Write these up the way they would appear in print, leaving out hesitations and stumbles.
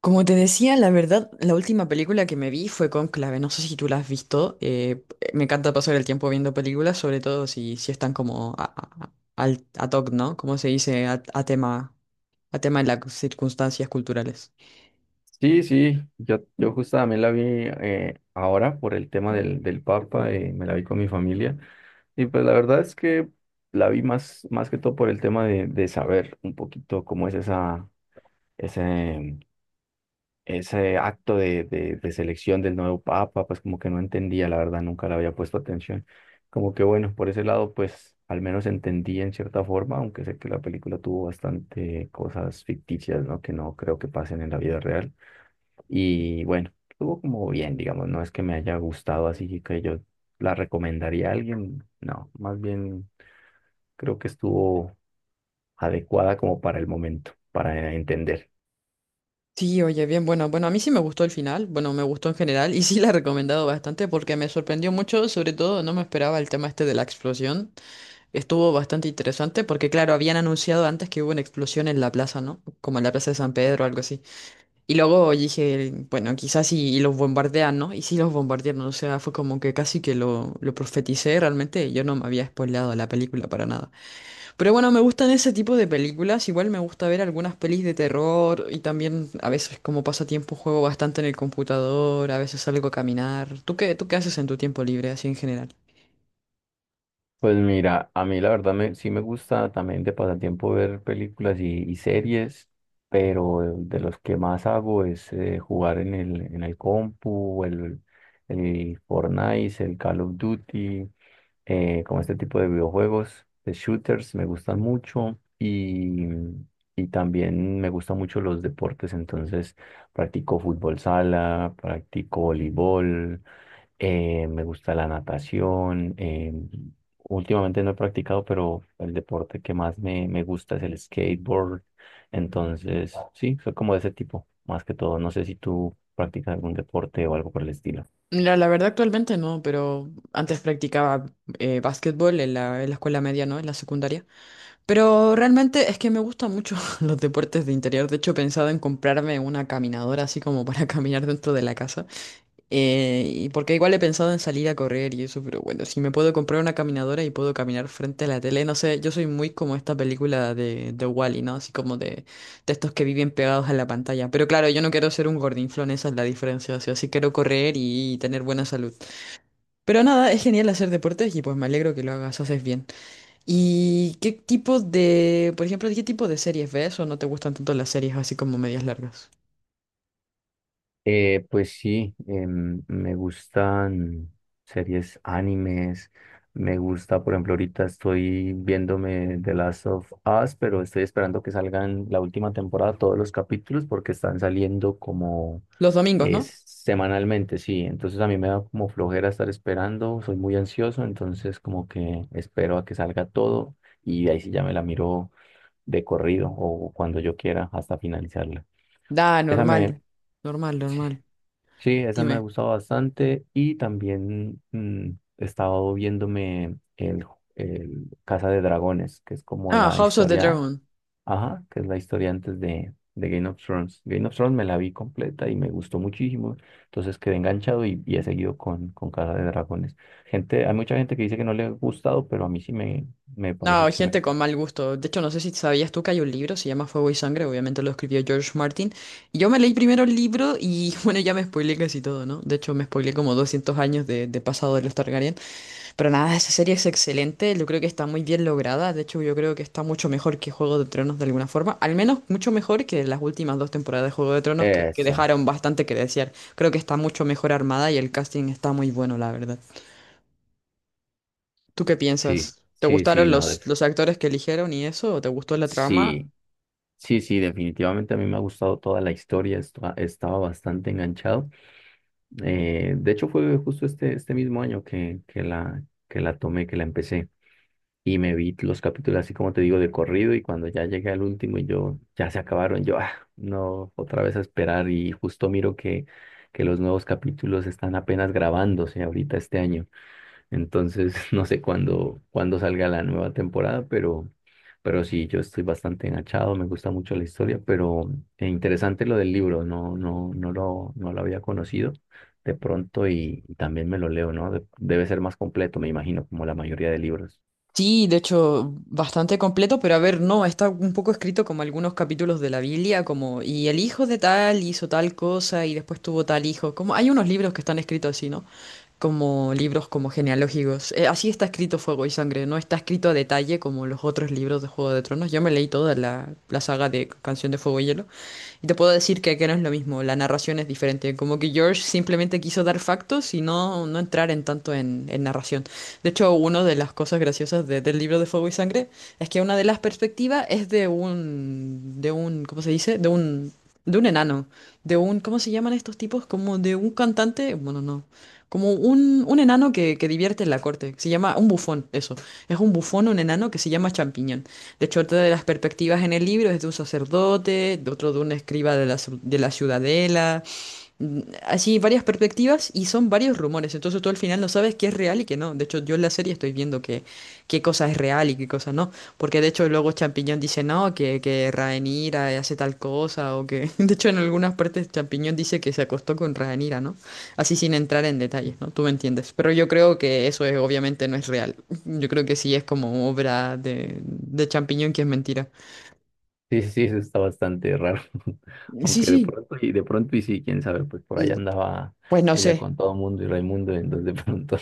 Como te decía, la verdad, la última película que me vi fue Cónclave. No sé si tú la has visto. Me encanta pasar el tiempo viendo películas, sobre todo si están como ad hoc, ¿no? Como se dice, a tema de las circunstancias culturales. Sí, sí, yo justo también la vi, ahora por el tema del Papa. Me la vi con mi familia y pues la verdad es que la vi más, más que todo por el tema de saber un poquito cómo es ese, ese acto de selección del nuevo Papa, pues como que no entendía, la verdad, nunca le había puesto atención. Como que bueno, por ese lado pues al menos entendí en cierta forma, aunque sé que la película tuvo bastante cosas ficticias, ¿no? Que no creo que pasen en la vida real. Y bueno, estuvo como bien, digamos, no es que me haya gustado así que yo la recomendaría a alguien, no, más bien creo que estuvo adecuada como para el momento, para entender. Sí, oye, bien, bueno, a mí sí me gustó el final. Bueno, me gustó en general y sí la he recomendado bastante porque me sorprendió mucho. Sobre todo, no me esperaba el tema este de la explosión. Estuvo bastante interesante porque, claro, habían anunciado antes que hubo una explosión en la plaza, ¿no? Como en la plaza de San Pedro o algo así. Y luego dije, bueno, los bombardean, ¿no? Y sí los bombardearon, o sea, fue como que casi que lo profeticé realmente, yo no me había spoileado la película para nada. Pero bueno, me gustan ese tipo de películas, igual me gusta ver algunas pelis de terror y también a veces como pasatiempo juego bastante en el computador, a veces salgo a caminar. Tú qué haces en tu tiempo libre, así en general? Pues mira, a mí la verdad me, sí me gusta también de pasatiempo ver películas y series, pero de los que más hago es jugar en el compu, el Fortnite, el Call of Duty. Como este tipo de videojuegos, de shooters, me gustan mucho y también me gustan mucho los deportes, entonces practico fútbol sala, practico voleibol, me gusta la natación. Últimamente no he practicado, pero el deporte que más me gusta es el skateboard, entonces sí, soy como de ese tipo, más que todo. No sé si tú practicas algún deporte o algo por el estilo. Mira, la verdad actualmente no, pero antes practicaba básquetbol en en la escuela media, ¿no? En la secundaria. Pero realmente es que me gustan mucho los deportes de interior. De hecho, he pensado en comprarme una caminadora así como para caminar dentro de la casa. Y porque igual he pensado en salir a correr y eso, pero bueno, si me puedo comprar una caminadora y puedo caminar frente a la tele, no sé, yo soy muy como esta película de Wall-E, ¿no? Así como de estos que viven pegados a la pantalla. Pero claro, yo no quiero ser un gordinflón, esa es la diferencia. O sea, sí quiero correr y tener buena salud. Pero nada, es genial hacer deportes y pues me alegro que lo hagas, haces bien. ¿Y qué tipo de, por ejemplo, qué tipo de series ves o no te gustan tanto las series así como medias largas? Pues sí, me gustan series animes, me gusta, por ejemplo, ahorita estoy viéndome The Last of Us, pero estoy esperando que salgan la última temporada, todos los capítulos, porque están saliendo como Los domingos, ¿no? es semanalmente. Sí, entonces a mí me da como flojera estar esperando, soy muy ansioso, entonces como que espero a que salga todo y ahí sí ya me la miro de corrido o cuando yo quiera hasta finalizarla. Da, Esa me... normal. Normal, normal. Sí, esa me ha Dime. gustado bastante y también he estado viéndome el, el Casa de Dragones, que es como Ah, la House of the historia, Dragon. ajá, que es la historia antes de Game of Thrones. Game of Thrones me la vi completa y me gustó muchísimo, entonces quedé enganchado y he seguido con Casa de Dragones. Gente, hay mucha gente que dice que no le ha gustado, pero a mí sí me No, parece gente chévere. con mal gusto. De hecho, no sé si sabías tú que hay un libro, se llama Fuego y Sangre, obviamente lo escribió George Martin. Y yo me leí primero el libro y bueno, ya me spoileé casi todo, ¿no? De hecho, me spoileé como 200 años de pasado de los Targaryen. Pero nada, esa serie es excelente, yo creo que está muy bien lograda, de hecho yo creo que está mucho mejor que Juego de Tronos de alguna forma, al menos mucho mejor que las últimas dos temporadas de Juego de Tronos que Eso, dejaron bastante que desear. Creo que está mucho mejor armada y el casting está muy bueno, la verdad. ¿Tú qué sí, piensas? ¿Te sí, sí, gustaron no, los actores que eligieron y eso? ¿O te gustó la trama? sí. Sí, sí, definitivamente a mí me ha gustado toda la historia, estaba bastante enganchado. De hecho, fue justo este mismo año que la tomé, que la empecé y me vi los capítulos así como te digo de corrido y cuando ya llegué al último y yo, ya se acabaron, yo, ah, no, otra vez a esperar y justo miro que los nuevos capítulos están apenas grabándose ahorita este año. Entonces, no sé cuándo, cuándo salga la nueva temporada, pero sí, yo estoy bastante enganchado, me gusta mucho la historia, pero interesante lo del libro. No, no lo había conocido de pronto y también me lo leo, ¿no? Debe ser más completo, me imagino, como la mayoría de libros. Sí, de hecho, bastante completo, pero a ver, no, está un poco escrito como algunos capítulos de la Biblia, como, y el hijo de tal hizo tal cosa y después tuvo tal hijo, como hay unos libros que están escritos así, ¿no? Como libros como genealógicos. Así está escrito Fuego y Sangre, no está escrito a detalle como los otros libros de Juego de Tronos. Yo me leí toda la saga de Canción de Fuego y Hielo y te puedo decir que no es lo mismo, la narración es diferente, como que George simplemente quiso dar factos y no entrar en tanto en narración. De hecho, una de las cosas graciosas del libro de Fuego y Sangre es que una de las perspectivas es de de un, ¿cómo se dice? De de un enano, de un, ¿cómo se llaman estos tipos? Como de un cantante, bueno, no. Como un enano que divierte en la corte. Se llama un bufón, eso. Es un bufón, un enano que se llama Champiñón. De hecho, otra de las perspectivas en el libro es de un sacerdote, de otro de un escriba de de la ciudadela. Así varias perspectivas y son varios rumores, entonces tú al final no sabes qué es real y qué no. De hecho, yo en la serie estoy viendo que qué cosa es real y qué cosa no, porque de hecho luego Champiñón dice no, que Rhaenyra hace tal cosa o que... De hecho, en algunas partes Champiñón dice que se acostó con Rhaenyra, ¿no? Así sin entrar en detalles, ¿no? Tú me entiendes. Pero yo creo que eso es, obviamente no es real. Yo creo que sí es como obra de Champiñón que es mentira. Sí, sí, sí, eso está bastante raro, Sí, aunque sí. De pronto, y sí, quién sabe, pues por ahí Mm, andaba Pues no ella sé. con todo mundo y Raimundo, entonces de pronto.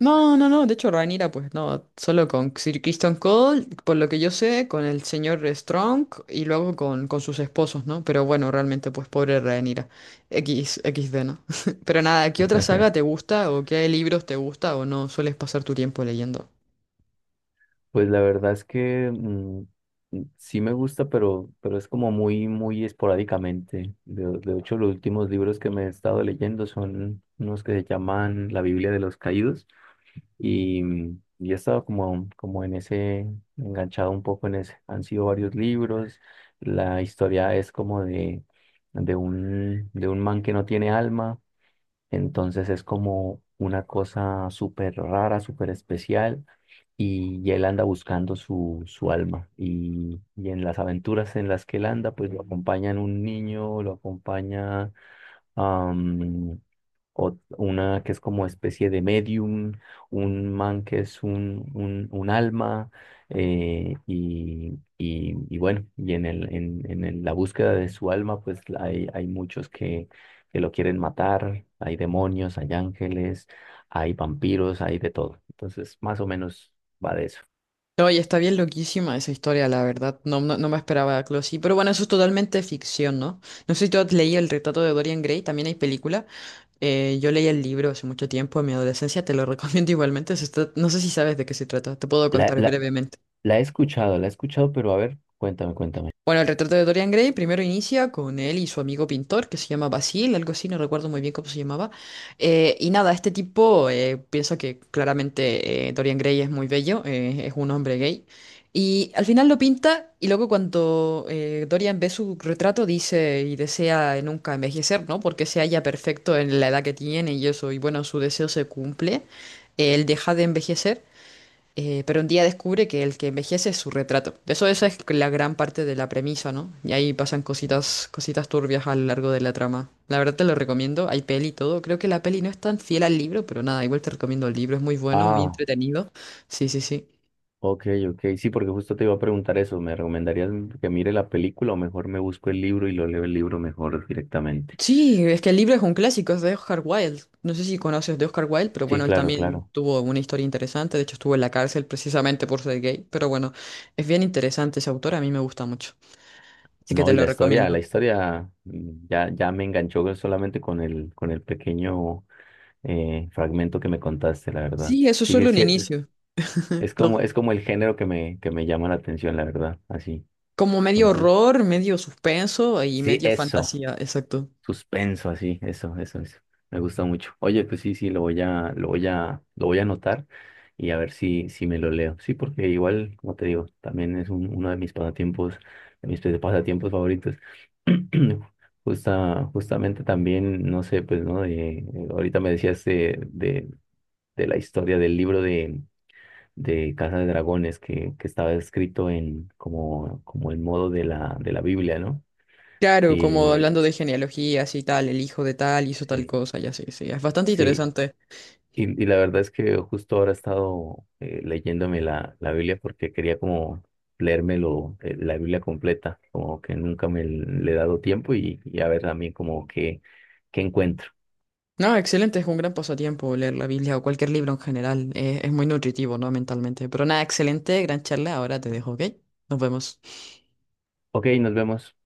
No, no, no, de hecho Rhaenyra pues no, solo con Sir Christian Cole, por lo que yo sé, con el señor Strong y luego con sus esposos, ¿no? Pero bueno, realmente pues pobre Rhaenyra, X, XD, ¿no? Pero nada, ¿qué otra saga te gusta o qué libros te gusta o no sueles pasar tu tiempo leyendo? Pues la verdad es que sí me gusta, pero es como muy, muy esporádicamente. De hecho, los últimos libros que me he estado leyendo son unos que se llaman La Biblia de los Caídos y y he estado como, como en ese, enganchado un poco en ese. Han sido varios libros. La historia es como de un man que no tiene alma, entonces es como una cosa súper rara, súper especial y él anda buscando su alma. Y en las aventuras en las que él anda, pues lo acompañan un niño, lo acompaña am, una que es como especie de medium, un man que es un alma, y bueno, en el- la búsqueda de su alma, pues la- hay muchos que lo quieren matar, hay demonios, hay ángeles, hay vampiros, hay de todo. Entonces, más o menos va de eso. Oye, está bien loquísima esa historia, la verdad. No, no, no me esperaba algo así. Pero bueno, eso es totalmente ficción, ¿no? No sé si tú has leído El retrato de Dorian Gray, también hay película. Yo leí el libro hace mucho tiempo, en mi adolescencia, te lo recomiendo igualmente. No sé si sabes de qué se trata, te puedo La, contar la, brevemente. la he escuchado, la he escuchado, pero a ver, cuéntame, cuéntame. Bueno, el retrato de Dorian Gray primero inicia con él y su amigo pintor que se llama Basil, algo así, no recuerdo muy bien cómo se llamaba. Y nada, este tipo piensa que claramente Dorian Gray es muy bello, es un hombre gay. Y al final lo pinta y luego cuando Dorian ve su retrato dice y desea nunca envejecer, ¿no? Porque se halla perfecto en la edad que tiene y eso, y bueno, su deseo se cumple. Él deja de envejecer. Pero un día descubre que el que envejece es su retrato. Eso, esa es la gran parte de la premisa, ¿no? Y ahí pasan cositas, cositas turbias a lo largo de la trama. La verdad te lo recomiendo, hay peli y todo. Creo que la peli no es tan fiel al libro, pero nada, igual te recomiendo el libro, es muy bueno, muy Ah. entretenido. Sí, sí, sí. Ok, ok, sí, porque justo te iba a preguntar eso. ¿Me recomendarías que mire la película o mejor me busco el libro y lo leo el libro mejor directamente? Sí, es que el libro es un clásico, es de Oscar Wilde. No sé si conoces de Oscar Wilde, pero Sí, bueno, él claro, también claro. tuvo una historia interesante. De hecho, estuvo en la cárcel precisamente por ser gay. Pero bueno, es bien interesante ese autor, a mí me gusta mucho. Así que No, te y lo la recomiendo. historia ya, ya me enganchó solamente con el pequeño fragmento que me contaste, la verdad. Sí, eso es Sigue, solo un sí, inicio. Lo- es como el género que me llama la atención, la verdad, así. como medio Entonces, horror, medio suspenso y sí, medio eso. fantasía, exacto. Suspenso, así, eso, eso, eso. Me gusta mucho. Oye, pues sí, sí, lo voy a anotar y a ver si, si me lo leo. Sí, porque igual, como te digo, también es uno de mis pasatiempos favoritos. Justamente también, no sé, pues, ¿no? De, ahorita me decías de la historia del libro de Casa de Dragones que estaba escrito en como, como el modo de de la Biblia, ¿no? Claro, como Y hablando de genealogías y tal, el hijo de tal hizo tal sí. cosa, ya sí, sí, es bastante Sí, interesante. Y la verdad es que justo ahora he estado leyéndome la Biblia porque quería como leérmelo, la Biblia completa, como que nunca me le he dado tiempo y a ver también como que, qué encuentro. No, excelente, es un gran pasatiempo leer la Biblia o cualquier libro en general, es muy nutritivo, ¿no? Mentalmente. Pero nada, excelente, gran charla, ahora te dejo, ¿ok? Nos vemos. Ok, nos vemos.